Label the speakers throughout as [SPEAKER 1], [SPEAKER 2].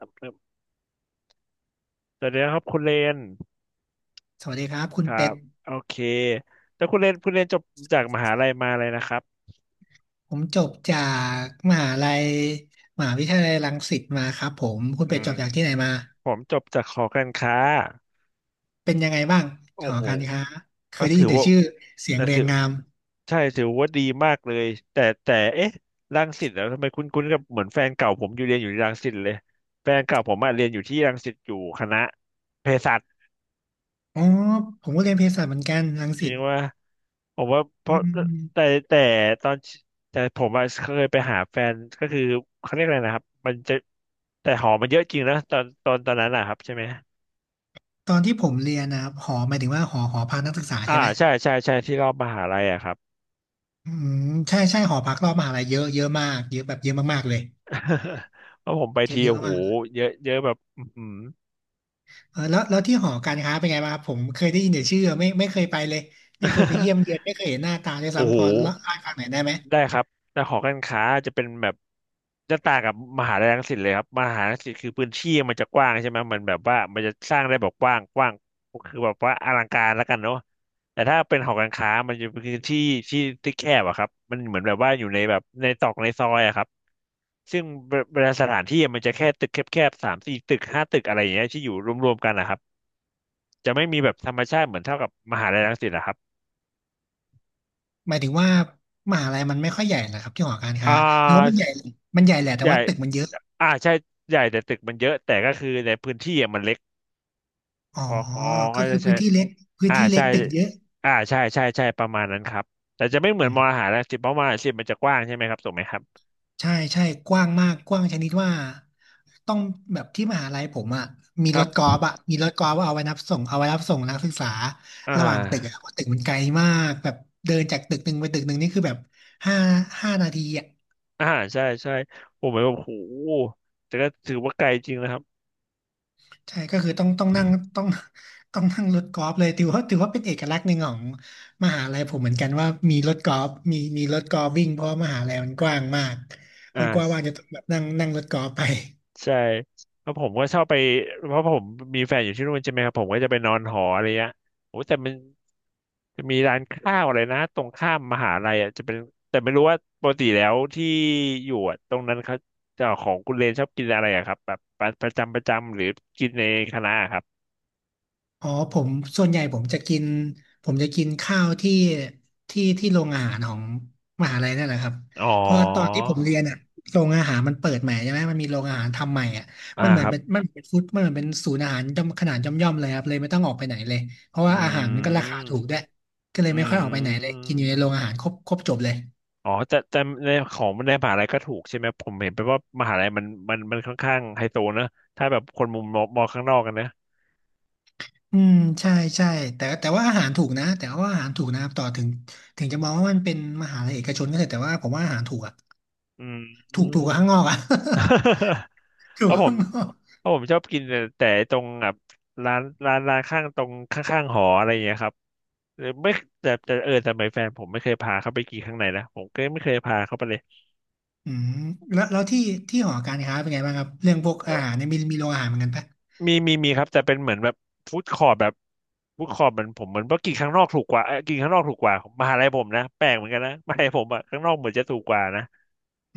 [SPEAKER 1] สำเริ่มสวัสดีครับคุณเรน
[SPEAKER 2] สวัสดีครับคุ
[SPEAKER 1] ค
[SPEAKER 2] ณ
[SPEAKER 1] รั
[SPEAKER 2] เป็
[SPEAKER 1] บ
[SPEAKER 2] ด
[SPEAKER 1] โอเคแล้วคุณเรนจบจากมหาลัยมาเลยนะครับ
[SPEAKER 2] ผมจบจากมหาลัยมหาวิทยาลัยรังสิตมาครับผมคุณ
[SPEAKER 1] อื
[SPEAKER 2] เป็ด
[SPEAKER 1] ม
[SPEAKER 2] จบจากที่ไหนมา
[SPEAKER 1] ผมจบจากหอการค้า
[SPEAKER 2] เป็นยังไงบ้าง
[SPEAKER 1] โอ้
[SPEAKER 2] หอ
[SPEAKER 1] โห
[SPEAKER 2] การค้าเค
[SPEAKER 1] ก็
[SPEAKER 2] ยได้
[SPEAKER 1] ถื
[SPEAKER 2] ยิ
[SPEAKER 1] อ
[SPEAKER 2] นแต่
[SPEAKER 1] ว่า
[SPEAKER 2] ชื่อเสียง
[SPEAKER 1] แต่
[SPEAKER 2] เรีย
[SPEAKER 1] ถื
[SPEAKER 2] ง
[SPEAKER 1] อ
[SPEAKER 2] งาม
[SPEAKER 1] ใช่ถือว่าดีมากเลยแต่เอ๊ะรังสิตแล้วทำไมคุณกับเหมือนแฟนเก่าผมอยู่เรียนอยู่ที่รังสิตเลยแฟนเก่าผมอะเรียนอยู่ที่รังสิตอยู่คณะเภสัช
[SPEAKER 2] อ๋อผมก็เรียนเภสัชเหมือนกันรัง
[SPEAKER 1] จ
[SPEAKER 2] สิ
[SPEAKER 1] ริ
[SPEAKER 2] ต
[SPEAKER 1] งว่าผมว่าเพ
[SPEAKER 2] อื
[SPEAKER 1] ราะ
[SPEAKER 2] ม
[SPEAKER 1] แต่แต่ตอนแต่ผมอะเคยไปหาแฟนก็คือเขาเรียกอะไรนะครับมันจะแต่หอมันเยอะจริงนะตอนนั้นอะครับใช่ไหม
[SPEAKER 2] ตอนที่ผมเรียนนะครับหอหมายถึงว่าหอพักนักศึกษา
[SPEAKER 1] อ่า
[SPEAKER 2] ใช่ไหม
[SPEAKER 1] ใช่ใช่ใช่ที่รอบมหาลัยอะครับ
[SPEAKER 2] อืมใช่ใช่หอพักรอบมหาลัยเยอะเยอะมากเยอะแบบเยอะมากๆเลย
[SPEAKER 1] เพราะผมไป
[SPEAKER 2] เยอะ
[SPEAKER 1] ที
[SPEAKER 2] เย
[SPEAKER 1] โอ้
[SPEAKER 2] อะ
[SPEAKER 1] โห
[SPEAKER 2] มาก
[SPEAKER 1] เยอะเยอะแบบอือหือ
[SPEAKER 2] เออแล้วที่หอการค้าเป็นไงบ้างครับผมเคยได้ยินแต่ชื่อไม่เคยไปเลยไม่เคยไปเยี่ยมเยือน ไม่เคยเห็นหน้าตาเลย
[SPEAKER 1] โอ้โห
[SPEAKER 2] ซ้ำพอเล่าาให้ฟังหน่อยได้ไหม
[SPEAKER 1] ได้ครับแต่หอการค้าจะเป็นแบบจะต่างกับมหาลัยรังสิตเลยครับมหาลัยรังสิตคือพื้นที่มันจะกว้างใช่ไหมมันแบบว่ามันจะสร้างได้แบบกว้างกว้างคือแบบว่าอลังการแล้วกันเนาะแต่ถ้าเป็นหอการค้ามันจะเป็นพื้นที่ที่ที่แคบอะครับมันเหมือนแบบว่าอยู่ในแบบในตรอกในซอยอะครับซึ่งเวลาสถานที่อะมันจะแค่ตึกแคบๆสามสี่ตึกห้าตึกอะไรอย่างเงี้ยที่อยู่รวมๆกันนะครับจะไม่มีแบบธรรมชาติเหมือนเท่ากับมหาลัยรังสิตนะครับ
[SPEAKER 2] หมายถึงว่ามหาลัยมันไม่ค่อยใหญ่เหรอครับที่หอการ
[SPEAKER 1] อ่
[SPEAKER 2] ค้าหรือว่ามัน
[SPEAKER 1] า
[SPEAKER 2] ใหญ่มันใหญ่แหละแต่
[SPEAKER 1] ใหญ่
[SPEAKER 2] ว่าตึกมันเยอะ
[SPEAKER 1] อ่าใช่ ใหญ่แต่ตึกมันเยอะ แต่ก็คือในพื้นที่อะมันเล็ก
[SPEAKER 2] อ๋อ
[SPEAKER 1] อ๋อเขา
[SPEAKER 2] ก็คื
[SPEAKER 1] จะ
[SPEAKER 2] อ
[SPEAKER 1] ใช่
[SPEAKER 2] พื้นที่เล็กพื้น
[SPEAKER 1] อ่า
[SPEAKER 2] ที่เล็
[SPEAKER 1] ใช่
[SPEAKER 2] กตึกเยอะ
[SPEAKER 1] ใช่ประมาณนั้นครับ แต่จะไม่เหมือ
[SPEAKER 2] อื
[SPEAKER 1] นม
[SPEAKER 2] ม
[SPEAKER 1] ออาหารนะสิบเพราะมออาหารสิบมันจะกว้างใช่ไหมครับถูกไหมครับ
[SPEAKER 2] ใช่ใช่กว้างมากกว้างชนิดว่าต้องแบบที่มหาลัยผมอ่ะมี
[SPEAKER 1] ค
[SPEAKER 2] ร
[SPEAKER 1] รับ
[SPEAKER 2] ถกอล์ฟอ่ะมีรถกอล์ฟเอาไว้รับส่งเอาไว้รับส่งนักศึกษา
[SPEAKER 1] อ่
[SPEAKER 2] ระหว่างตึกอ่ะ
[SPEAKER 1] า
[SPEAKER 2] เพราะตึกมันไกลมากแบบเดินจากตึกหนึ่งไปตึกหนึ่งนี่คือแบบห้าห้านาทีอ่ะ
[SPEAKER 1] อ่าใช่ใช่ผมแบบโอ้โหแต่ก็ถือว่าไกลจริงนะครับ
[SPEAKER 2] ใช่ก็คือต้องนั่งต้องต้องนั่งรถกอล์ฟเลยถือว่าเป็นเอกลักษณ์หนึ่งของมหาลัยผมเหมือนกันว่ามีรถกอล์ฟมีรถกอล์ฟวิ่งเพราะมหาลัยมันกว้างมาก
[SPEAKER 1] อ่
[SPEAKER 2] มันกว้างว่างจะ
[SPEAKER 1] า
[SPEAKER 2] ต้องแบบนั่งนั่งรถกอล์ฟไป
[SPEAKER 1] ใช่เพราะผมก็ชอบไปเพราะผมมีแฟนอยู่ที่นู่นใช่ไหมครับผมก็จะไปนอนหออะไรเงี้ยโอ้แต่มันจะมีร้านข้าวอะไรนะตรงข้ามมหาลัยอ่ะจะเป็นแต่ไม่รู้ว่าปกติแล้วที่อยู่อะตรงนั้นเขาเจะของคุณเรนชอบกินอะไรอะครับแบบประจำหรือกินในคณะอะครับ
[SPEAKER 2] อ๋อผมส่วนใหญ่ผมจะกินข้าวที่โรงอาหารของมหาลัยนั่นแหละครับ
[SPEAKER 1] อ๋อ
[SPEAKER 2] เพราะตอนที่ผมเรียนอ่ะโรงอาหารมันเปิดใหม่ใช่ไหมมันมีโรงอาหารทำใหม่อ่ะ
[SPEAKER 1] อ่า
[SPEAKER 2] มันเหมื
[SPEAKER 1] ค
[SPEAKER 2] อน
[SPEAKER 1] รับ
[SPEAKER 2] เป็นมันเหมือนเป็นฟู้ดมันเหมือนเป็นศูนย์อาหารย่อมขนาดย่อมย่อมเลยครับเลยไม่ต้องออกไปไหนเลยเพราะ
[SPEAKER 1] อื
[SPEAKER 2] ว่าอาหารมันก็ราคาถูกด้ว
[SPEAKER 1] ม
[SPEAKER 2] ยก็เล
[SPEAKER 1] อื
[SPEAKER 2] ยไม่ค่อยออกไปไหนเลยกินอยู่ใน
[SPEAKER 1] ม
[SPEAKER 2] โรงอาหารครบครบจบเลย
[SPEAKER 1] อ๋อแต่แต่ในของในมหาลัยก็ถูกใช่ไหมผมเห็นไปว่ามหาลัยมันค่อนข้างไฮโซนะถ้าแบบคนมุมมองมองข้างนอกกันนะ
[SPEAKER 2] อืมใช่ใช่แต่ว่าอาหารถูกนะแต่ว่าอาหารถูกนะครับต่อถึงจะมองว่ามันเป็นมหาลัยเอกชนก็เถอะแต่ว่าผมว่าอาหารถูกอ่ะ
[SPEAKER 1] อื
[SPEAKER 2] ถูก
[SPEAKER 1] ม
[SPEAKER 2] กว่าข้างน อกอ่ะ อ
[SPEAKER 1] เพ
[SPEAKER 2] ยู่
[SPEAKER 1] ราะผ
[SPEAKER 2] ข้า
[SPEAKER 1] ม
[SPEAKER 2] งนอก
[SPEAKER 1] เพราะผมชอบกินแต่ตรงแบบร้านร้านข้างตรงข้างๆหออะไรอย่างเงี้ยครับหรือไม่แต่แต่ไม่แฟนผมไม่เคยพาเขาไปกินข้างในนะผมก็ไม่เคยพาเขาไปเลย
[SPEAKER 2] อืมแล้วที่หอการค้าเป็นไงบ้างครับเรื่องพวกอาหารเนี่ยมีโรงอาหารเหมือนกันปะ
[SPEAKER 1] มีครับแต่เป็นเหมือนแบบฟู้ดคอร์ t แบบฟู้ดคอร์ t เหมือนผมเหมือนเพราะกินข้างนอกถูกกว่าเอ้ยกินข้างนอกถูกกว่ามหาลัยผมนะแปลกเหมือนกันนะมหาลัยผมอะข้างนอกเหมือนจะถูกกว่านะ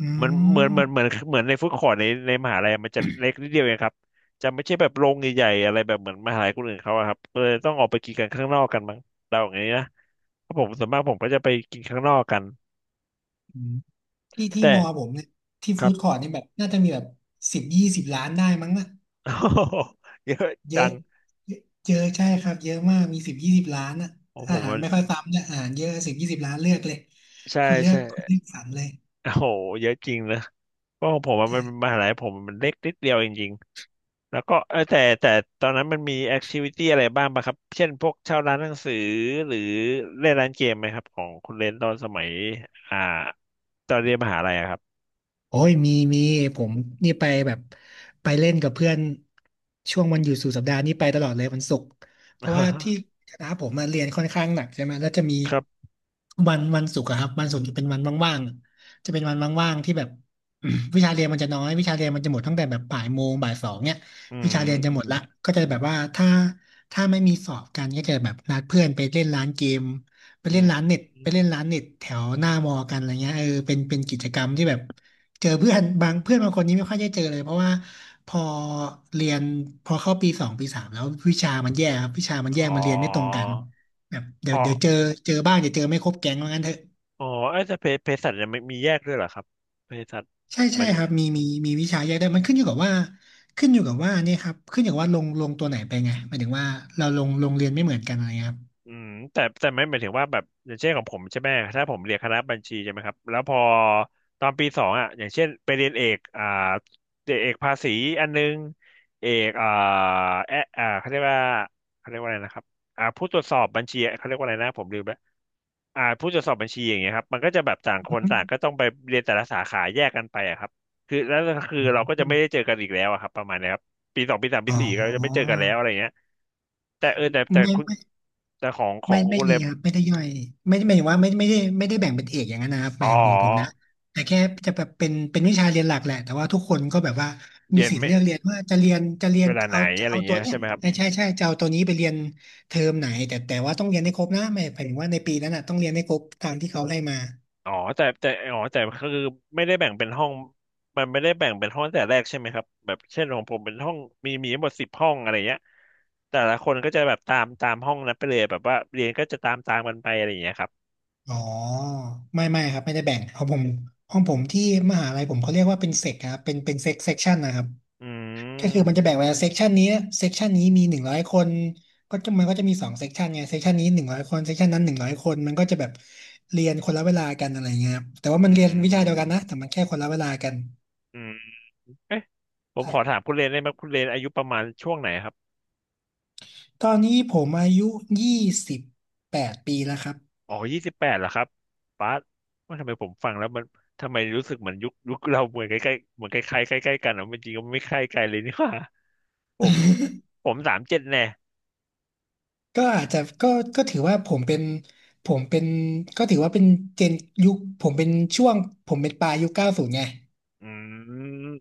[SPEAKER 2] อื
[SPEAKER 1] เหมือนเหมือนเหมือนเหมือ
[SPEAKER 2] ม
[SPEAKER 1] นเหมือนในฟู้ดคอร์ t ในมหาลัยมันจะเล็กนิดเดียวเองครับจะไม่ใช่แบบโรงใหญ่ๆอะไรแบบเหมือนมหาลัยคนอื่นเขาอะครับก็เลยต้องออกไปกินกันข้างนอกกันมั้งเราอย่างนี้นะเพราะผมส่วนมากผมก็จะไปกินข้างนอกกัน
[SPEAKER 2] อืมที่
[SPEAKER 1] แต่
[SPEAKER 2] มอผมเนี่ยที่
[SPEAKER 1] ครั
[SPEAKER 2] ฟู้
[SPEAKER 1] บ
[SPEAKER 2] ดคอร์ทนี่แบบน่าจะมีแบบสิบยี่สิบล้านได้มั้งอะ
[SPEAKER 1] เยอะ
[SPEAKER 2] เย
[SPEAKER 1] จั
[SPEAKER 2] อะ
[SPEAKER 1] ง
[SPEAKER 2] เยอะใช่ครับเยอะมากมีสิบยี่สิบล้านอะ
[SPEAKER 1] ของผ
[SPEAKER 2] อา
[SPEAKER 1] ม
[SPEAKER 2] หาร
[SPEAKER 1] มัน
[SPEAKER 2] ไม่ค่อยซ้ำเนี่ยอาหารเยอะสิบยี่สิบล้านเลือกเลย
[SPEAKER 1] ใช่
[SPEAKER 2] คุณเลือก
[SPEAKER 1] ใช่
[SPEAKER 2] คุณเลือกสรรเลย
[SPEAKER 1] โอ้โหเยอะจริงนะ ก็ของผมอะ
[SPEAKER 2] ใช่
[SPEAKER 1] มันมหาลัยผมมันเล็กนิดเดียวจริงๆแล้วก็แต่ตอนนั้นมันมีแอคทิวิตี้อะไรบ้างปะครับเช่นพวกเช่าร้านหนังสือหรือเล่นร้านเกมไหมครับของคุณเลนตอนสมัยอ่าตอนเรียนมหาลัยอะครับ
[SPEAKER 2] โอ้ยมีผมนี่ไปแบบไปเล่นกับเพื่อนช่วงวันหยุดสุดสัปดาห์นี่ไปตลอดเลยวันศุกร์เพราะว่า ที่คณะผมมาเรียนค่อนข้างหนักใช่ไหมแล้วจะมี
[SPEAKER 1] ครับ
[SPEAKER 2] วันศุกร์อะครับวันศุกร์จะเป็นวันว่างๆจะเป็นวันว่างๆที่แบบ วิชาเรียนมันจะน้อยวิชาเรียนมันจะหมดตั้งแต่แบบบ่ายโมงบ่ายสองเนี่ย
[SPEAKER 1] อื
[SPEAKER 2] วิชาเรียนจะหมดละ
[SPEAKER 1] ม
[SPEAKER 2] ก็จะแบบว่าถ้าไม่มีสอบกันก็จะแบบนัดเพื่อนไปเล่นร้านเกม
[SPEAKER 1] อืม
[SPEAKER 2] ไปเล่นร้านเน็ตแถวหน้ามอกันอะไรเงี้ยเออเป็นกิจกรรมที่แบบ เจอเพื่อนบางคนนี้ไม่ค่อยได้เจอเลยเพราะว่าพอเรียนพอเข้าปีสองปีสามแล้ววิชามันแย่ครับวิชามันแยก
[SPEAKER 1] อ๋อ
[SPEAKER 2] มันเรียนไม่ตรงกันแบบเดี๋ย
[SPEAKER 1] อ๋
[SPEAKER 2] ว
[SPEAKER 1] อ
[SPEAKER 2] เดี๋ยวเจอเจอบ้างเดี๋ยวเจอไม่ครบแก๊งว่างั้นเถอะ
[SPEAKER 1] อ๋อเอ้ยแต่เภสัชยังไม่มีแยกด้วยเหรอครับเภสัช
[SPEAKER 2] ใช่ใช่
[SPEAKER 1] มัน
[SPEAKER 2] ครับมีวิชาแยกได้มันขึ้นอยู่กับว่านี่ครับขึ้นอยู่กับว่าลงตัวไหนไปไงหมายถึงว่าเราลงเรียนไม่เหมือนกันอะไรเงี้ยครับ
[SPEAKER 1] อืมแต่ไม่หมายถึงว่าแบบอย่างเช่นของผมใช่ไหมถ้าผมเรียนคณะบัญชีใช่ไหมครับแล้วพอตอนปีสองอ่ะอย่างเช่นไปเรียนเอกเอกภาษีอันนึงเอกแอะอ่าเขาเรียกว่าเขาเรียกว่าอะไรนะครับอ่าผู้ตรวจสอบบัญชีเขาเรียกว่าอะไรนะผมลืมแล้วอ่าผู้ตรวจสอบบัญชีอย่างเงี้ยครับมันก็จะแบบต่างคนต่าง
[SPEAKER 2] อ
[SPEAKER 1] ก็ต้องไปเรียนแต่ละสาขาแยกกันไปอะครับคือแล้วก็คือ
[SPEAKER 2] ืม
[SPEAKER 1] เราก็
[SPEAKER 2] อ
[SPEAKER 1] จะไม่ได้เจอกันอีกแล้วอะครับประมาณเนี้ยครับ ปีสองปีสามปี
[SPEAKER 2] อ๋
[SPEAKER 1] สี่ก็จะไม่เจอ
[SPEAKER 2] อ
[SPEAKER 1] กันแล้วอะไรเงี้ยแต่แต่
[SPEAKER 2] ไม่
[SPEAKER 1] คุณ
[SPEAKER 2] ไม่
[SPEAKER 1] แต่ของขอ
[SPEAKER 2] ไม่
[SPEAKER 1] ง
[SPEAKER 2] ไม่
[SPEAKER 1] คุณ
[SPEAKER 2] มี
[SPEAKER 1] เลย
[SPEAKER 2] ครับไม่ได้ย่อยไม่ไม่หมายถึงว่าไม่ได้แบ่งเป็นเอกอย่างนั้นนะครับห
[SPEAKER 1] อ๋
[SPEAKER 2] มายถึงของผมนะ
[SPEAKER 1] อ
[SPEAKER 2] แต่แค่จะแบบเป็นวิชาเรียนหลักแหละแต่ว่าทุกคนก็แบบว่ามี
[SPEAKER 1] เย็น
[SPEAKER 2] สิทธิ์
[SPEAKER 1] ไม่
[SPEAKER 2] เลือกเรียนว่าจะเรียนจะเรีย
[SPEAKER 1] เว
[SPEAKER 2] น
[SPEAKER 1] ลาไหน
[SPEAKER 2] เอา
[SPEAKER 1] อะไร
[SPEAKER 2] ตั
[SPEAKER 1] เงี้
[SPEAKER 2] ว
[SPEAKER 1] ย
[SPEAKER 2] เนี้ย
[SPEAKER 1] ใช่ไหมครับ
[SPEAKER 2] ใช่ใช่ใช่จะเอาตัวนี้ไปเรียนเทอมไหนแต่ว่าต้องเรียนให้ครบนะไม่หมายถึงว่าในปีนั้นน่ะต้องเรียนให้ครบตามที่เขาไห้มา
[SPEAKER 1] อ๋อแต่อ๋อแต่ก็คือไม่ได้แบ่งเป็นห้องมันไม่ได้แบ่งเป็นห้องแต่แรกใช่ไหมครับแบบเช่นของผมเป็นห้องมีทั้งหมดสิบห้องอะไรเงี้ยแต่ละคนก็จะแบบตามห้องนั้นไปเลยแบบว่าเรียนก็จะตามกันไปอะไรอย่างเงี้ยครับ
[SPEAKER 2] อ๋อไม่ไม่ครับไม่ได้แบ่งของผมที่มหาลัยผมเขาเรียกว่าเป็นเซกครับเป็นเซกชันนะครับ
[SPEAKER 1] อื
[SPEAKER 2] ก็คือมันจะ
[SPEAKER 1] ม
[SPEAKER 2] แบ่งไว้เซกชันนี้เซกชันนี้มีหนึ่งร้อยคน ก็จะมันก็จะมีสองเซกชันไงเซกชันนี้หนึ่งร้อยคนเซกชันนั้นหนึ่งร้อยคนมันก็จะแบบเรียนคนละเวลากันอะไรเงี้ยครับแต่ว่า
[SPEAKER 1] อื
[SPEAKER 2] มันเรียนวิชาเดียวกัน
[SPEAKER 1] ม
[SPEAKER 2] นะแต่มันแค่คนละเวลากัน
[SPEAKER 1] อืมเอ๊ะผม
[SPEAKER 2] ใช่
[SPEAKER 1] ขอถามคุณเรนได้ไหมคุณเรนอายุประมาณช่วงไหนครับ
[SPEAKER 2] ตอนนี้ผมอายุ28 ปีแล้วครับ
[SPEAKER 1] อ๋อยี่สิบแปดเหรอครับป๊าดว่าทำไมผมฟังแล้วมันทำไมรู้สึกเหมือนยุคเราเหมือนใกล้ใกล้เหมือนใกล้ๆใกล้ใกล้ๆกันอ่ะมันจริงก็ไม่ใกล้ไกลเลยนี่หว่า ผมผมสามเจ็ดแน่
[SPEAKER 2] ก็อาจจะก็ถือว่าผมเป็นก็ถือว่าเป็นเจนยุคผมเป็นช่วงผมเป็นปลายยุคเก้าศูนย์ไง
[SPEAKER 1] อื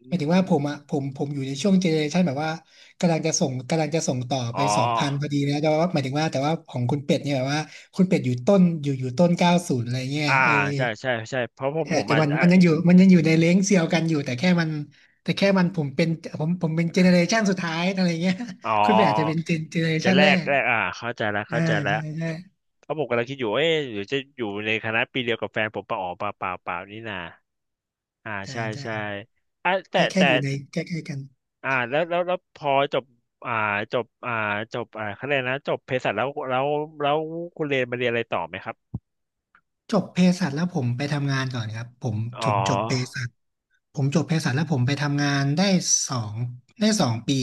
[SPEAKER 2] หมายถึงว่าผม
[SPEAKER 1] ม
[SPEAKER 2] อ่ะผมอยู่ในช่วงเจเนเรชันแบบว่ากำลังจะส่งต่อ
[SPEAKER 1] อ๋
[SPEAKER 2] ไป
[SPEAKER 1] อ
[SPEAKER 2] 2000พอดีนะแต่ว่าหมายถึงว่าแต่ว่าของคุณเป็ดเนี่ยแบบว่าคุณเป็ดอยู่ต้นอยู่ต้นเก้าศูนย์อะไรเงี้ย
[SPEAKER 1] อ่า
[SPEAKER 2] ไอ
[SPEAKER 1] ใช่ใช่ใช่เพราะ
[SPEAKER 2] เออ
[SPEAKER 1] ผม
[SPEAKER 2] แต่
[SPEAKER 1] อาจ
[SPEAKER 2] มัน
[SPEAKER 1] อ่ะ
[SPEAKER 2] มันยังอยู่มันยังอยู่ในเลนส์เซียวกันอยู่แต่แค่มันผมเป็นผมเป็นเจเนเรชันสุดท้ายอะไรเงี้ย
[SPEAKER 1] อ๋อ
[SPEAKER 2] คุณ
[SPEAKER 1] อ๋อ
[SPEAKER 2] เป็ดอาจจะเป็นเจเนเร
[SPEAKER 1] จะ
[SPEAKER 2] ชัน
[SPEAKER 1] แล
[SPEAKER 2] แร
[SPEAKER 1] ก
[SPEAKER 2] ก
[SPEAKER 1] แลกเข้าใจแล้ว
[SPEAKER 2] อ่า
[SPEAKER 1] เข้าใจแล้ว
[SPEAKER 2] ใช่ใช่
[SPEAKER 1] เพราะผมกำลังคิดอยู่เอ๊ะหรือจะอยู่ในคณะปีเดียวกับแฟนผมปะอ๋อเปล่าเปล่านี่นาอ่า
[SPEAKER 2] ใช่
[SPEAKER 1] ใช่ใช่
[SPEAKER 2] ใช่
[SPEAKER 1] อ่ะแต่
[SPEAKER 2] แค่
[SPEAKER 1] แต่
[SPEAKER 2] อยู่ในใกล้ๆกัน
[SPEAKER 1] แล้วพอจบอ่าจบอ่าจบคะแนนนะจบเภสัชแล้วแล้วคุณเรียนมาเรียนอะไรต่อไหมครับ
[SPEAKER 2] จบเภสัชแล้วผมไปทำงานก่อนครับผมผ
[SPEAKER 1] อ๋
[SPEAKER 2] มจบเภ
[SPEAKER 1] อ
[SPEAKER 2] สัชผมจบเภสัชแล้วผมไปทำงานได้สองสองปี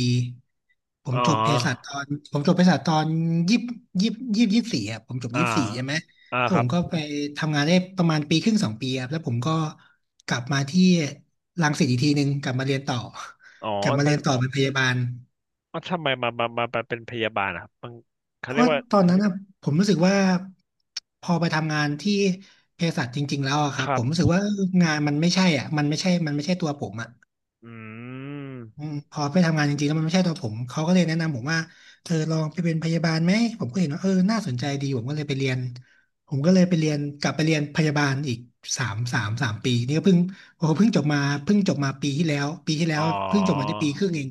[SPEAKER 1] อ๋อ
[SPEAKER 2] ผมจบเภสัชตอนยี่ยี่ยี่สี่อ่ะผมจบ
[SPEAKER 1] อ่า
[SPEAKER 2] ยี่สี่ใช่ไหม
[SPEAKER 1] อ่า
[SPEAKER 2] แล้ว
[SPEAKER 1] ค
[SPEAKER 2] ผ
[SPEAKER 1] รับ
[SPEAKER 2] มก็ไปทำงานได้ประมาณปีครึ่งสองปีครับแล้วผมก็กลับมาที่รังสิตอีกทีหนึ่งกลับมาเรียนต่อ
[SPEAKER 1] อ๋อ
[SPEAKER 2] กลับมา
[SPEAKER 1] มั
[SPEAKER 2] เรี
[SPEAKER 1] น
[SPEAKER 2] ยนต่อเป็นพยาบาล
[SPEAKER 1] อ๋อทำไมมาเป็นพยาบาลอะครับมันเขา
[SPEAKER 2] เพ
[SPEAKER 1] เรี
[SPEAKER 2] ราะ
[SPEAKER 1] ยก
[SPEAKER 2] ว่า
[SPEAKER 1] ว่า
[SPEAKER 2] ตอนนั้นนะผมรู้สึกว่าพอไปทำงานที่เภสัชจริงๆแล้วอะค
[SPEAKER 1] ค
[SPEAKER 2] รับ
[SPEAKER 1] รั
[SPEAKER 2] ผ
[SPEAKER 1] บ
[SPEAKER 2] มรู้สึกว่างานมันไม่ใช่อ่ะมันไม่ใช่ตัวผมอ่ะ
[SPEAKER 1] อื
[SPEAKER 2] อื
[SPEAKER 1] ม
[SPEAKER 2] มพอไปทำงานจริงๆแล้วมันไม่ใช่ตัวผมเขาก็เลยแนะนำผมว่าเธอลองไปเป็นพยาบาลไหมผมก็เห็นว่าเออน่าสนใจดีผมก็เลยไปเรียนผมก็เลยไปเรียนกลับไปเรียนพยาบาลอีก3 ปีนี่ก็เพิ่งโอ้โหเพิ่งจบมาเพิ่งจบมาปีที่แล้วปีที่แล้
[SPEAKER 1] อ๋อ
[SPEAKER 2] วเพิ่งจบมาได้ปีครึ่งเอง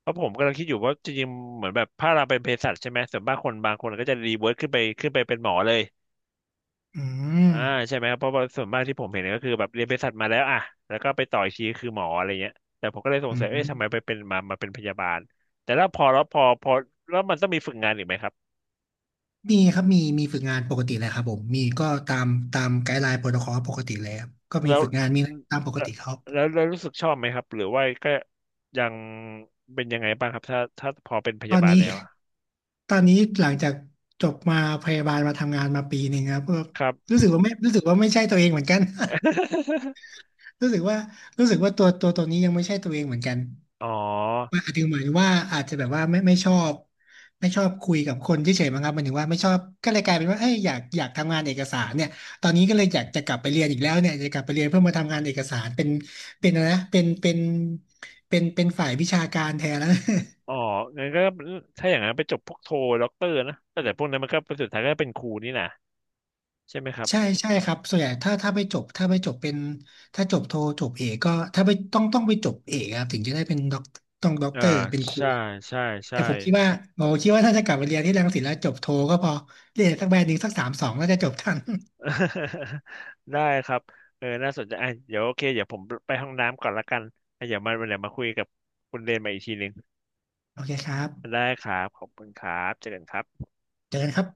[SPEAKER 1] เพราะผมกำลังคิดอยู่ว่าจริงๆเหมือนแบบถ้าเราเป็นเภสัชใช่ไหมส่วนมากคนบางคนก็จะรีเวิร์คขึ้นไปเป็นหมอเลย
[SPEAKER 2] อืม
[SPEAKER 1] อ่าใช่ไหมครับเพราะว่าส่วนมากที่ผมเห็นก็คือแบบเรียนเภสัชมาแล้วอ่ะแล้วก็ไปต่ออีกทีคือหมออะไรเงี้ยแต่ผมก็เลยสง
[SPEAKER 2] อื
[SPEAKER 1] สั
[SPEAKER 2] ม
[SPEAKER 1] ยเอ๊ะทำไมไปเป็นมาเป็นพยาบาลแต่แล้วพอแล้วพอพอแล้วมันต้องมีฝึกงานอีกไหมครับ
[SPEAKER 2] มีครับมีฝึกงานปกติเลยครับผมมีก็ตามไกด์ไลน์โปรโตคอลปกติเลยครับก็มี
[SPEAKER 1] แล้ว
[SPEAKER 2] ฝึกงานมีอะไรตามปกติครับ
[SPEAKER 1] แล้วรู้สึกชอบไหมครับหรือว่าก็ยังเป็นยังไงบ้างครับถ้าพอเป็นพ
[SPEAKER 2] ต
[SPEAKER 1] ยา
[SPEAKER 2] อน
[SPEAKER 1] บาล
[SPEAKER 2] นี้
[SPEAKER 1] แล้วอะ
[SPEAKER 2] ตอนนี้หลังจากจบมาพยาบาลมาทำงานมาปีหนึ่งครับก็
[SPEAKER 1] ครับ
[SPEAKER 2] รู้สึกว่าไม่รู้สึกว่าไม่ใช่ตัวเองเหมือนกัน รู้สึกว่าตัวนี้ยังไม่ใช่ตัวเองเหมือนกัน
[SPEAKER 1] อ๋อ
[SPEAKER 2] ว่าอาจจะหมายถึงว่าอาจจะแบบว่าไม่ชอบไม่ชอบคุยกับคนเฉยๆมั้งครับหมายถึงว่าไม่ชอบก็เลยกลายเป็นว่าเอ้ยอยากทำงานเอกสารเนี่ยตอนนี้ก็เลยอยากจะกลับไปเรียนอีกแล้วเนี่ยจะกลับไปเรียนเพื่อมาทำงานเอกสารเป็นเป็นอะไรนะเป็นเป็นเป็นเป็นฝ่ายวิชาการแทนแล้ว
[SPEAKER 1] อ๋อ งั้นก็ถ้าอย่างนั้นไปจบพวกโทด็อกเตอร์นะแต่พวกนั้นมันก็สุดท้ายก็เป็นครูนี่นะใช่ไหมครับ
[SPEAKER 2] ใช่ใช่ครับส่วนใหญ่ถ้าไปจบถ้าไปจบเป็นถ้าจบโทจบเอกก็ถ้าไปต้องไปจบเอกครับถึงจะได้เป็นด็อกต้องด็อก
[SPEAKER 1] อ่า
[SPEAKER 2] เตอร์เป็นครู
[SPEAKER 1] ใช่ใช่
[SPEAKER 2] แต่
[SPEAKER 1] ใช่
[SPEAKER 2] ผมคิดว่าถ้าจะกลับไปเรียนที่รังสิตแล้วจบโทก็พอเรียนสักแบรนด์หนึ่งสักสามสองน่าจะจบทัน
[SPEAKER 1] ได้ครับเออน่าสนใจอ่ะเดี๋ยวโอเคเดี๋ยวผมไปห้องน้ำก่อนละกันอ่ะเดี๋ยวมาเดี๋ยวมาคุยกับคุณเรนมาอีกทีหนึ่ง
[SPEAKER 2] โอเคครับ
[SPEAKER 1] ได้ครับขอบคุณครับเจอกันครับ
[SPEAKER 2] เจอกันครับ